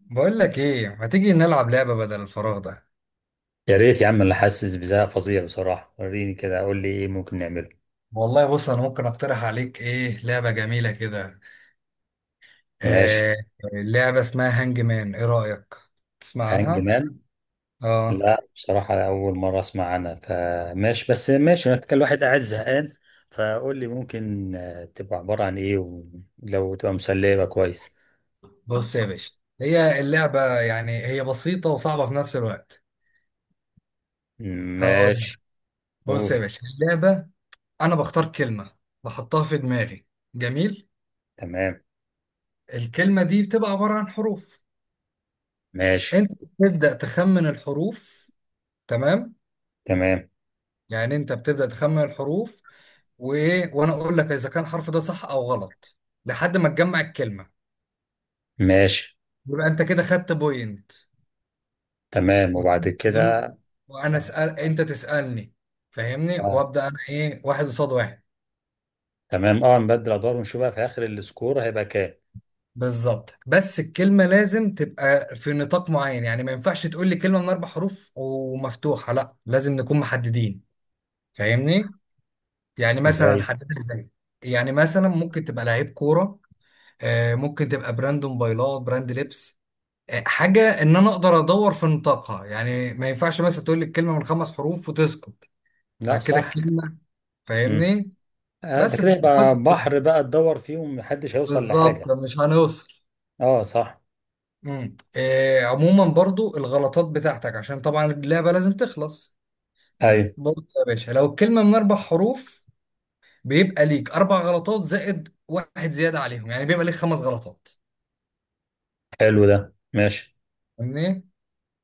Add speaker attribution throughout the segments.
Speaker 1: بقول لك ايه، ما تيجي نلعب لعبة بدل الفراغ ده.
Speaker 2: يا ريت يا عم، انا حاسس بزهق فظيع بصراحة. وريني كده، قول لي ايه ممكن نعمله.
Speaker 1: والله بص، انا ممكن اقترح عليك ايه لعبة جميلة كده.
Speaker 2: ماشي.
Speaker 1: آه. لعبة اسمها هانج مان، ايه رأيك؟ تسمع
Speaker 2: هانج
Speaker 1: عنها؟
Speaker 2: مان؟
Speaker 1: اه.
Speaker 2: لا بصراحة أول مرة أسمع عنها، فماشي. بس ماشي، أنا كان الواحد قاعد زهقان. فقول لي ممكن، تبقى عبارة عن إيه، ولو تبقى مسلية يبقى كويس.
Speaker 1: بص يا باشا، هي اللعبة يعني هي بسيطة وصعبة في نفس الوقت. هقول لك.
Speaker 2: ماشي،
Speaker 1: بص يا
Speaker 2: قول.
Speaker 1: باشا اللعبة، انا بختار كلمة، بحطها في دماغي. جميل.
Speaker 2: تمام.
Speaker 1: الكلمة دي بتبقى عبارة عن حروف.
Speaker 2: ماشي.
Speaker 1: انت بتبدأ تخمن الحروف. تمام.
Speaker 2: تمام.
Speaker 1: يعني انت بتبدأ تخمن الحروف، وايه، وانا اقول لك اذا كان الحرف ده صح او غلط، لحد ما تجمع الكلمه،
Speaker 2: ماشي.
Speaker 1: يبقى انت كده خدت بوينت.
Speaker 2: تمام وبعد
Speaker 1: وتم- وتم-
Speaker 2: كده.
Speaker 1: وانا
Speaker 2: آه.
Speaker 1: اسال انت تسالني، فاهمني؟
Speaker 2: آه،
Speaker 1: وابدا انا ايه، واحد قصاد واحد.
Speaker 2: تمام، أه نبدل أدوار ونشوف بقى في آخر السكور هيبقى كام.
Speaker 1: بالظبط. بس الكلمه لازم تبقى في نطاق معين، يعني ما ينفعش تقول لي كلمه من اربع حروف ومفتوحه، لا لازم نكون محددين. فاهمني؟ يعني مثلا
Speaker 2: إزاي؟
Speaker 1: حددها زي، يعني مثلا ممكن تبقى لعيب كوره، ممكن تبقى براند موبايلات، براند لبس، حاجة إن أنا أقدر أدور في نطاقها. يعني ما ينفعش مثلا تقول لي الكلمة من خمس حروف وتسكت.
Speaker 2: لا
Speaker 1: بعد كده
Speaker 2: صح.
Speaker 1: الكلمة، فاهمني؟
Speaker 2: ده
Speaker 1: بس في
Speaker 2: كده يبقى
Speaker 1: نطاق كده.
Speaker 2: بحر، بقى تدور فيهم محدش هيوصل لحاجة.
Speaker 1: بالظبط، مش هنوصل.
Speaker 2: اه صح.
Speaker 1: إيه، عموما برضو الغلطات بتاعتك، عشان طبعا اللعبة لازم تخلص.
Speaker 2: ايوه.
Speaker 1: برضو يا باشا لو الكلمة من أربع حروف، بيبقى ليك أربع غلطات زائد واحد زيادة عليهم، يعني بيبقى ليك خمس غلطات.
Speaker 2: حلو ده ماشي.
Speaker 1: فاهمني؟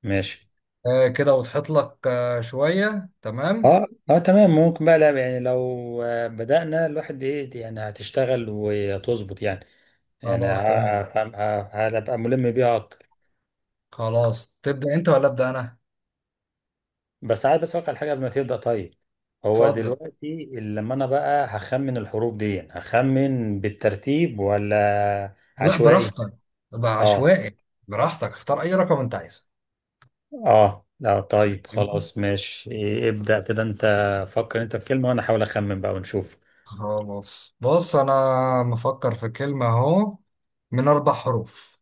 Speaker 2: ماشي.
Speaker 1: آه كده وضحت لك شوية؟ تمام؟
Speaker 2: اه اه تمام. ممكن بقى، لا يعني لو بدأنا الواحد ايه، يعني هتشتغل وتظبط يعني. يعني
Speaker 1: خلاص، تمام.
Speaker 2: هبقى ملم بيها اكتر.
Speaker 1: خلاص، تبدأ أنت ولا أبدأ أنا؟
Speaker 2: بس عايز بس اوقع على حاجة قبل ما تبدأ. طيب هو
Speaker 1: اتفضل.
Speaker 2: دلوقتي لما انا بقى هخمن الحروف دي، هخمن بالترتيب ولا
Speaker 1: لا
Speaker 2: عشوائي؟
Speaker 1: براحتك، بقى
Speaker 2: اه.
Speaker 1: عشوائي. براحتك، اختار اي رقم انت عايزه.
Speaker 2: اه لا طيب
Speaker 1: جميل.
Speaker 2: خلاص، ماشي ابدأ كده انت. فكر انت في كلمة وانا احاول اخمن بقى ونشوف.
Speaker 1: خلاص، بص انا مفكر في كلمة اهو، من اربع حروف،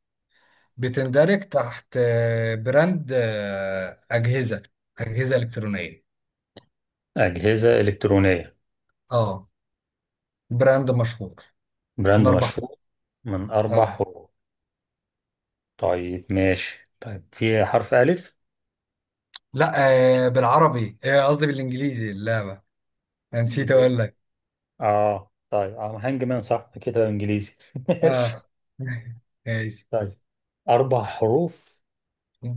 Speaker 1: بتندرج تحت براند اجهزة، اجهزة الكترونية.
Speaker 2: أجهزة إلكترونية.
Speaker 1: اه. براند مشهور. من
Speaker 2: براند
Speaker 1: اربع حروف.
Speaker 2: مشهور. من أربع
Speaker 1: اه.
Speaker 2: حروف. طيب ماشي، طيب في حرف ألف.
Speaker 1: لا. بالعربي، قصدي بالانجليزي اللعبة، انا نسيت
Speaker 2: ب-
Speaker 1: اقول لك.
Speaker 2: اه طيب اه، هانج مان صح كده انجليزي، ماشي.
Speaker 1: اه. ماشي.
Speaker 2: طيب أربع حروف.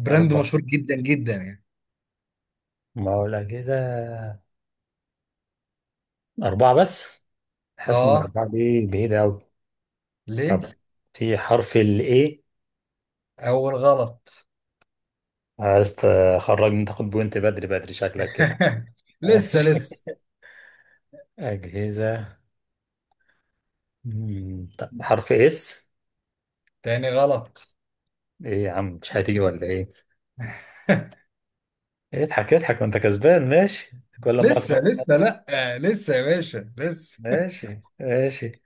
Speaker 1: براند
Speaker 2: أربع.
Speaker 1: مشهور جدا جدا يعني.
Speaker 2: ما هو الأجهزة. أربعة بس. حاسس إن
Speaker 1: اه.
Speaker 2: أربعة دي بعيدة أوي. طب
Speaker 1: ليه؟
Speaker 2: في حرف ال A.
Speaker 1: أول غلط.
Speaker 2: عايز تخرجني تاخد بوينت بدري بدري، شكلك كده.
Speaker 1: لسه
Speaker 2: ماشي.
Speaker 1: لسه
Speaker 2: أجهزة. طب حرف اس.
Speaker 1: تاني غلط.
Speaker 2: ايه يا عم، مش هتيجي ولا ايه؟ اضحك اضحك وانت كسبان، ماشي كل ما
Speaker 1: لسه لسه،
Speaker 2: أقعد-
Speaker 1: لأ لسه يا باشا لسه.
Speaker 2: ماشي ماشي.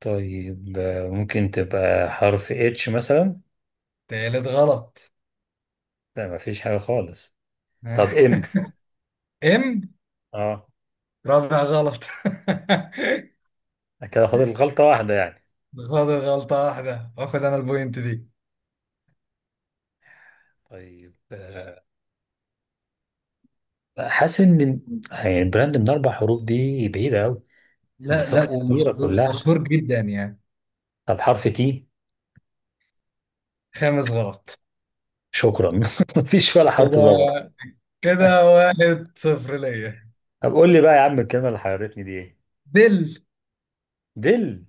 Speaker 2: طيب ممكن تبقى حرف اتش مثلا.
Speaker 1: تالت غلط.
Speaker 2: لا مفيش حاجة خالص. طب ام.
Speaker 1: ام.
Speaker 2: اه
Speaker 1: رابع غلط.
Speaker 2: كده فاضل غلطة واحدة يعني.
Speaker 1: فاضل غلطة واحدة، واخد انا البوينت دي.
Speaker 2: طيب، حاسس ان يعني البراند من اربع حروف دي بعيدة قوي.
Speaker 1: لا
Speaker 2: الاسامي
Speaker 1: لا،
Speaker 2: كبيرة
Speaker 1: ومشهور
Speaker 2: كلها.
Speaker 1: مشهور جدا يعني.
Speaker 2: طب حرف تي.
Speaker 1: خامس غلط.
Speaker 2: شكرا. مفيش ولا حرف ظبط.
Speaker 1: كده، كده واحد صفر ليا.
Speaker 2: طب قول لي بقى يا عم، الكلمة اللي حيرتني دي ايه؟
Speaker 1: دل.
Speaker 2: دل.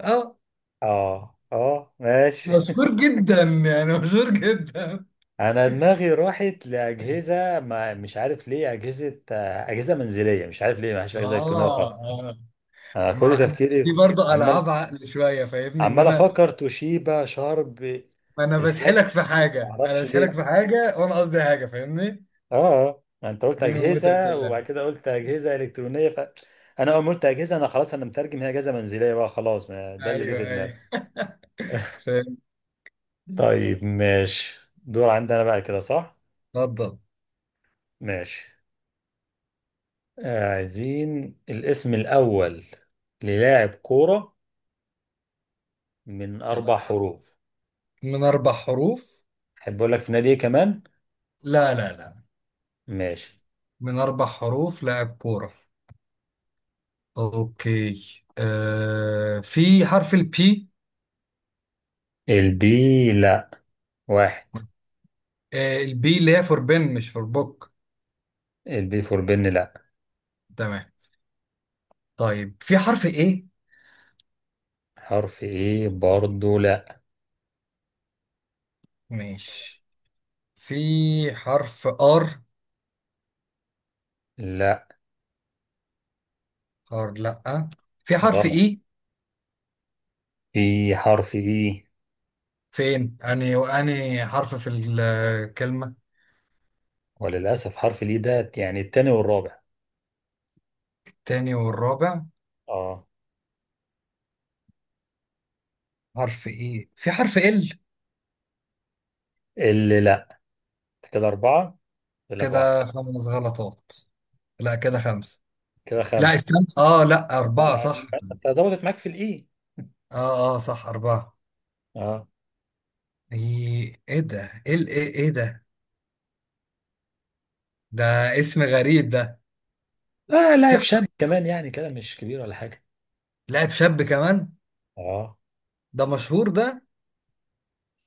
Speaker 1: اه.
Speaker 2: اه اه ماشي.
Speaker 1: مشهور جدا يعني، مشهور جدا.
Speaker 2: انا دماغي راحت لاجهزة، ما مش عارف ليه اجهزة، اجهزة منزلية، مش عارف ليه ما فيش اجهزة الكترونية
Speaker 1: اه.
Speaker 2: خالص.
Speaker 1: آه.
Speaker 2: انا كل
Speaker 1: ما انا في
Speaker 2: تفكيري.
Speaker 1: برضه
Speaker 2: عمال
Speaker 1: العاب عقل شويه، فاهمني ان
Speaker 2: عمال
Speaker 1: انا،
Speaker 2: افكر توشيبا شارب.
Speaker 1: انا
Speaker 2: الحاجات،
Speaker 1: بسحلك في
Speaker 2: ما
Speaker 1: حاجه، انا
Speaker 2: اعرفش
Speaker 1: بسحلك
Speaker 2: ليه.
Speaker 1: في حاجه وانا قصدي حاجه، فاهمني؟
Speaker 2: اه اه انت قلت
Speaker 1: دي من متعه
Speaker 2: اجهزة وبعد
Speaker 1: اللعب.
Speaker 2: كده قلت اجهزة الكترونية، ف انا اول ما قلت اجهزة، انا خلاص انا مترجم هي اجهزة منزلية بقى، خلاص ما ده اللي جه
Speaker 1: ايوه
Speaker 2: في
Speaker 1: ايوه.
Speaker 2: دماغي.
Speaker 1: فاهم.
Speaker 2: طيب ماشي، دور عندنا بقى كده صح.
Speaker 1: اتفضل.
Speaker 2: ماشي. عايزين الاسم الأول للاعب كورة من
Speaker 1: تمام،
Speaker 2: أربع حروف.
Speaker 1: من اربع حروف.
Speaker 2: أحب أقول لك في نادي إيه كمان.
Speaker 1: لا.
Speaker 2: ماشي.
Speaker 1: من اربع حروف، لاعب كوره. اوكي. آه في حرف البي.
Speaker 2: البي لا. واحد.
Speaker 1: آه البي اللي هي فور بن مش فور بوك.
Speaker 2: البي فور بن لا.
Speaker 1: تمام. طيب في حرف ايه.
Speaker 2: حرف إيه برضو لا.
Speaker 1: ماشي. في حرف ار.
Speaker 2: لا
Speaker 1: حار؟ لا. في حرف
Speaker 2: غلط.
Speaker 1: اي.
Speaker 2: في حرف إيه.
Speaker 1: فين اني واني حرف في الكلمة؟
Speaker 2: وللأسف حرف الإيه ده يعني التاني والرابع.
Speaker 1: التاني والرابع.
Speaker 2: اه.
Speaker 1: حرف اي. في حرف ال.
Speaker 2: اللي لا. كده أربعة، يقول لك واحد.
Speaker 1: كده خمس غلطات. لا كده خمس.
Speaker 2: كده
Speaker 1: لا
Speaker 2: خمسة.
Speaker 1: استنى، اه لا أربعة
Speaker 2: آه،
Speaker 1: صح.
Speaker 2: أنت ظبطت معاك في الإيه.
Speaker 1: اه اه صح، أربعة.
Speaker 2: اه.
Speaker 1: ايه ايه ده؟ ايه ايه ده ده؟ اسم غريب ده.
Speaker 2: لا،
Speaker 1: في
Speaker 2: لاعب
Speaker 1: ح-
Speaker 2: شاب كمان يعني كده مش كبير ولا حاجة.
Speaker 1: لاعب شاب كمان؟
Speaker 2: اه.
Speaker 1: ده مشهور ده؟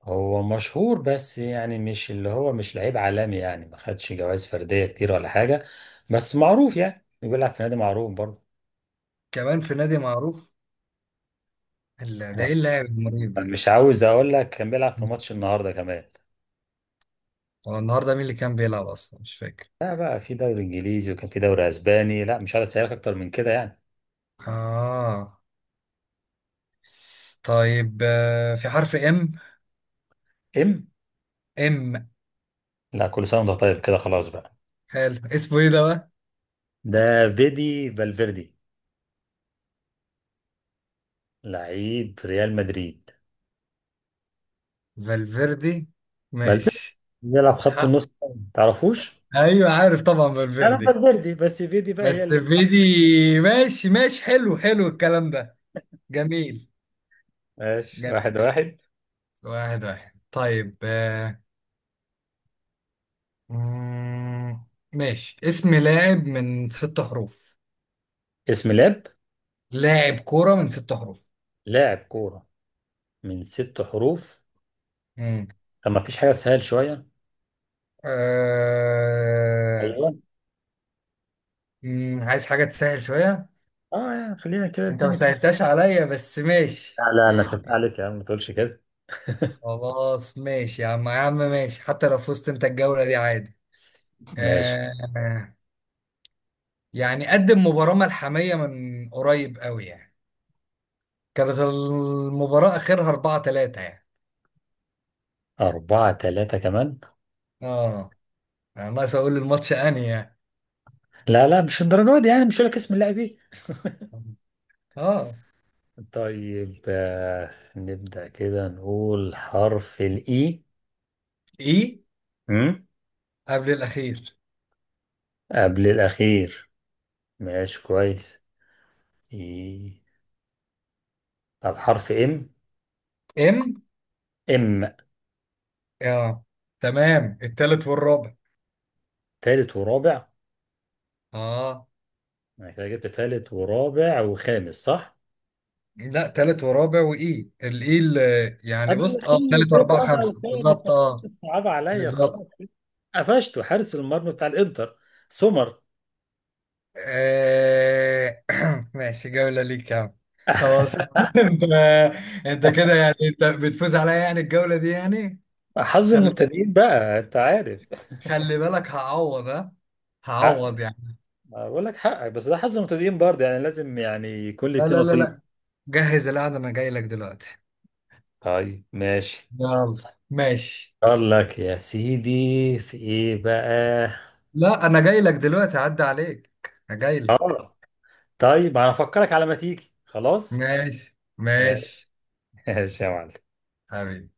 Speaker 2: هو مشهور بس يعني مش اللي هو مش لعيب عالمي، يعني ما خدش جوائز فردية كتير ولا حاجة. بس معروف، يعني بيلعب في نادي معروف برضه.
Speaker 1: كمان في نادي معروف؟ لا ده
Speaker 2: أنا
Speaker 1: ايه
Speaker 2: مش
Speaker 1: اللاعب المريب ده.
Speaker 2: مش عاوز اقول لك، كان بيلعب في ماتش النهارده كمان.
Speaker 1: هو النهارده مين اللي كان بيلعب اصلا، مش فاكر.
Speaker 2: لا بقى في دوري انجليزي وكان في دوري اسباني. لا مش عايز اسالك اكتر من كده يعني.
Speaker 1: اه. طيب في حرف ام.
Speaker 2: ام.
Speaker 1: ام.
Speaker 2: لا كل سنه وانت طيب كده خلاص بقى.
Speaker 1: حلو، اسمه ايه ده بقى؟
Speaker 2: ده فيدي فالفيردي، لعيب ريال مدريد.
Speaker 1: فالفيردي.
Speaker 2: فالفيردي
Speaker 1: ماشي.
Speaker 2: بيلعب خط
Speaker 1: حق.
Speaker 2: النص. تعرفوش؟
Speaker 1: ايوه عارف طبعا،
Speaker 2: انا
Speaker 1: فالفيردي.
Speaker 2: فالفيردي بس فيدي بقى هي
Speaker 1: بس
Speaker 2: اللي.
Speaker 1: فيدي. ماشي ماشي، حلو حلو الكلام ده. جميل.
Speaker 2: ماشي
Speaker 1: جميل.
Speaker 2: واحد واحد.
Speaker 1: واحد واحد، طيب مم، ماشي. اسم لاعب من ست حروف.
Speaker 2: اسم لاب.
Speaker 1: لاعب كورة من ست حروف.
Speaker 2: لاعب كورة من ست حروف.
Speaker 1: مم.
Speaker 2: طب ما فيش حاجة سهل شوية؟
Speaker 1: آه...
Speaker 2: ايوه.
Speaker 1: مم، عايز حاجة تسهل شوية؟
Speaker 2: اه يعني خلينا كده
Speaker 1: انت ما سهلتهاش عليا، بس
Speaker 2: لا
Speaker 1: ماشي
Speaker 2: لا لا، سبت عليك يا عم ما تقولش كده.
Speaker 1: خلاص ماشي يا عم، يا عم ماشي، حتى لو فزت انت الجولة دي عادي.
Speaker 2: ماشي.
Speaker 1: آه. يعني قدم مباراة ملحمية من قريب قوي يعني، كانت المباراة اخرها 4-3 يعني.
Speaker 2: 4-3 كمان.
Speaker 1: اه. انا ناقص اقول الماتش انهي يعني.
Speaker 2: لا لا مش الدرجة دي، يعني مش هقول لك اسم اللاعب ايه.
Speaker 1: اه.
Speaker 2: طيب آه. نبدأ كده نقول حرف الإي.
Speaker 1: ايه؟
Speaker 2: أمم،
Speaker 1: قبل الاخير.
Speaker 2: قبل الأخير. ماشي كويس. إي. طب حرف إم.
Speaker 1: ام.
Speaker 2: إم.
Speaker 1: اه. تمام، التالت والرابع.
Speaker 2: تالت ورابع.
Speaker 1: اه.
Speaker 2: انا كده جبت تالت ورابع وخامس صح؟
Speaker 1: لا تالت ورابع وايه الايه اللي يعني
Speaker 2: قبل
Speaker 1: بص اه
Speaker 2: الأخير،
Speaker 1: تالت
Speaker 2: تالت
Speaker 1: واربعة
Speaker 2: رابع
Speaker 1: خمسة
Speaker 2: وخامس
Speaker 1: بالظبط،
Speaker 2: ما
Speaker 1: اه.
Speaker 2: تكونش صعب عليا
Speaker 1: بالظبط.
Speaker 2: خلاص. قفشته، حارس المرمى بتاع الانتر. سمر.
Speaker 1: آه... ماشي، جولة ليك يا عم. خلاص انت، انت كده يعني انت بتفوز عليا يعني الجولة دي يعني.
Speaker 2: حظ
Speaker 1: خلي بالك،
Speaker 2: المبتدئين بقى انت عارف.
Speaker 1: خلي بالك هعوض، ها
Speaker 2: حق.
Speaker 1: هعوض يعني.
Speaker 2: بقول لك حقك، بس ده حظ المبتدئين برضه، يعني لازم يعني يكون لي
Speaker 1: لا
Speaker 2: فيه
Speaker 1: لا لا
Speaker 2: نصيب.
Speaker 1: لا جهز القعدة انا جاي لك دلوقتي.
Speaker 2: طيب ماشي.
Speaker 1: يلا. ماشي.
Speaker 2: قال لك يا سيدي في ايه بقى.
Speaker 1: لا انا جاي لك دلوقتي، عدى عليك. انا جاي لك.
Speaker 2: اه طيب انا افكرك على ما تيجي خلاص.
Speaker 1: ماشي ماشي.
Speaker 2: ماشي يا معلم.
Speaker 1: حبيبي.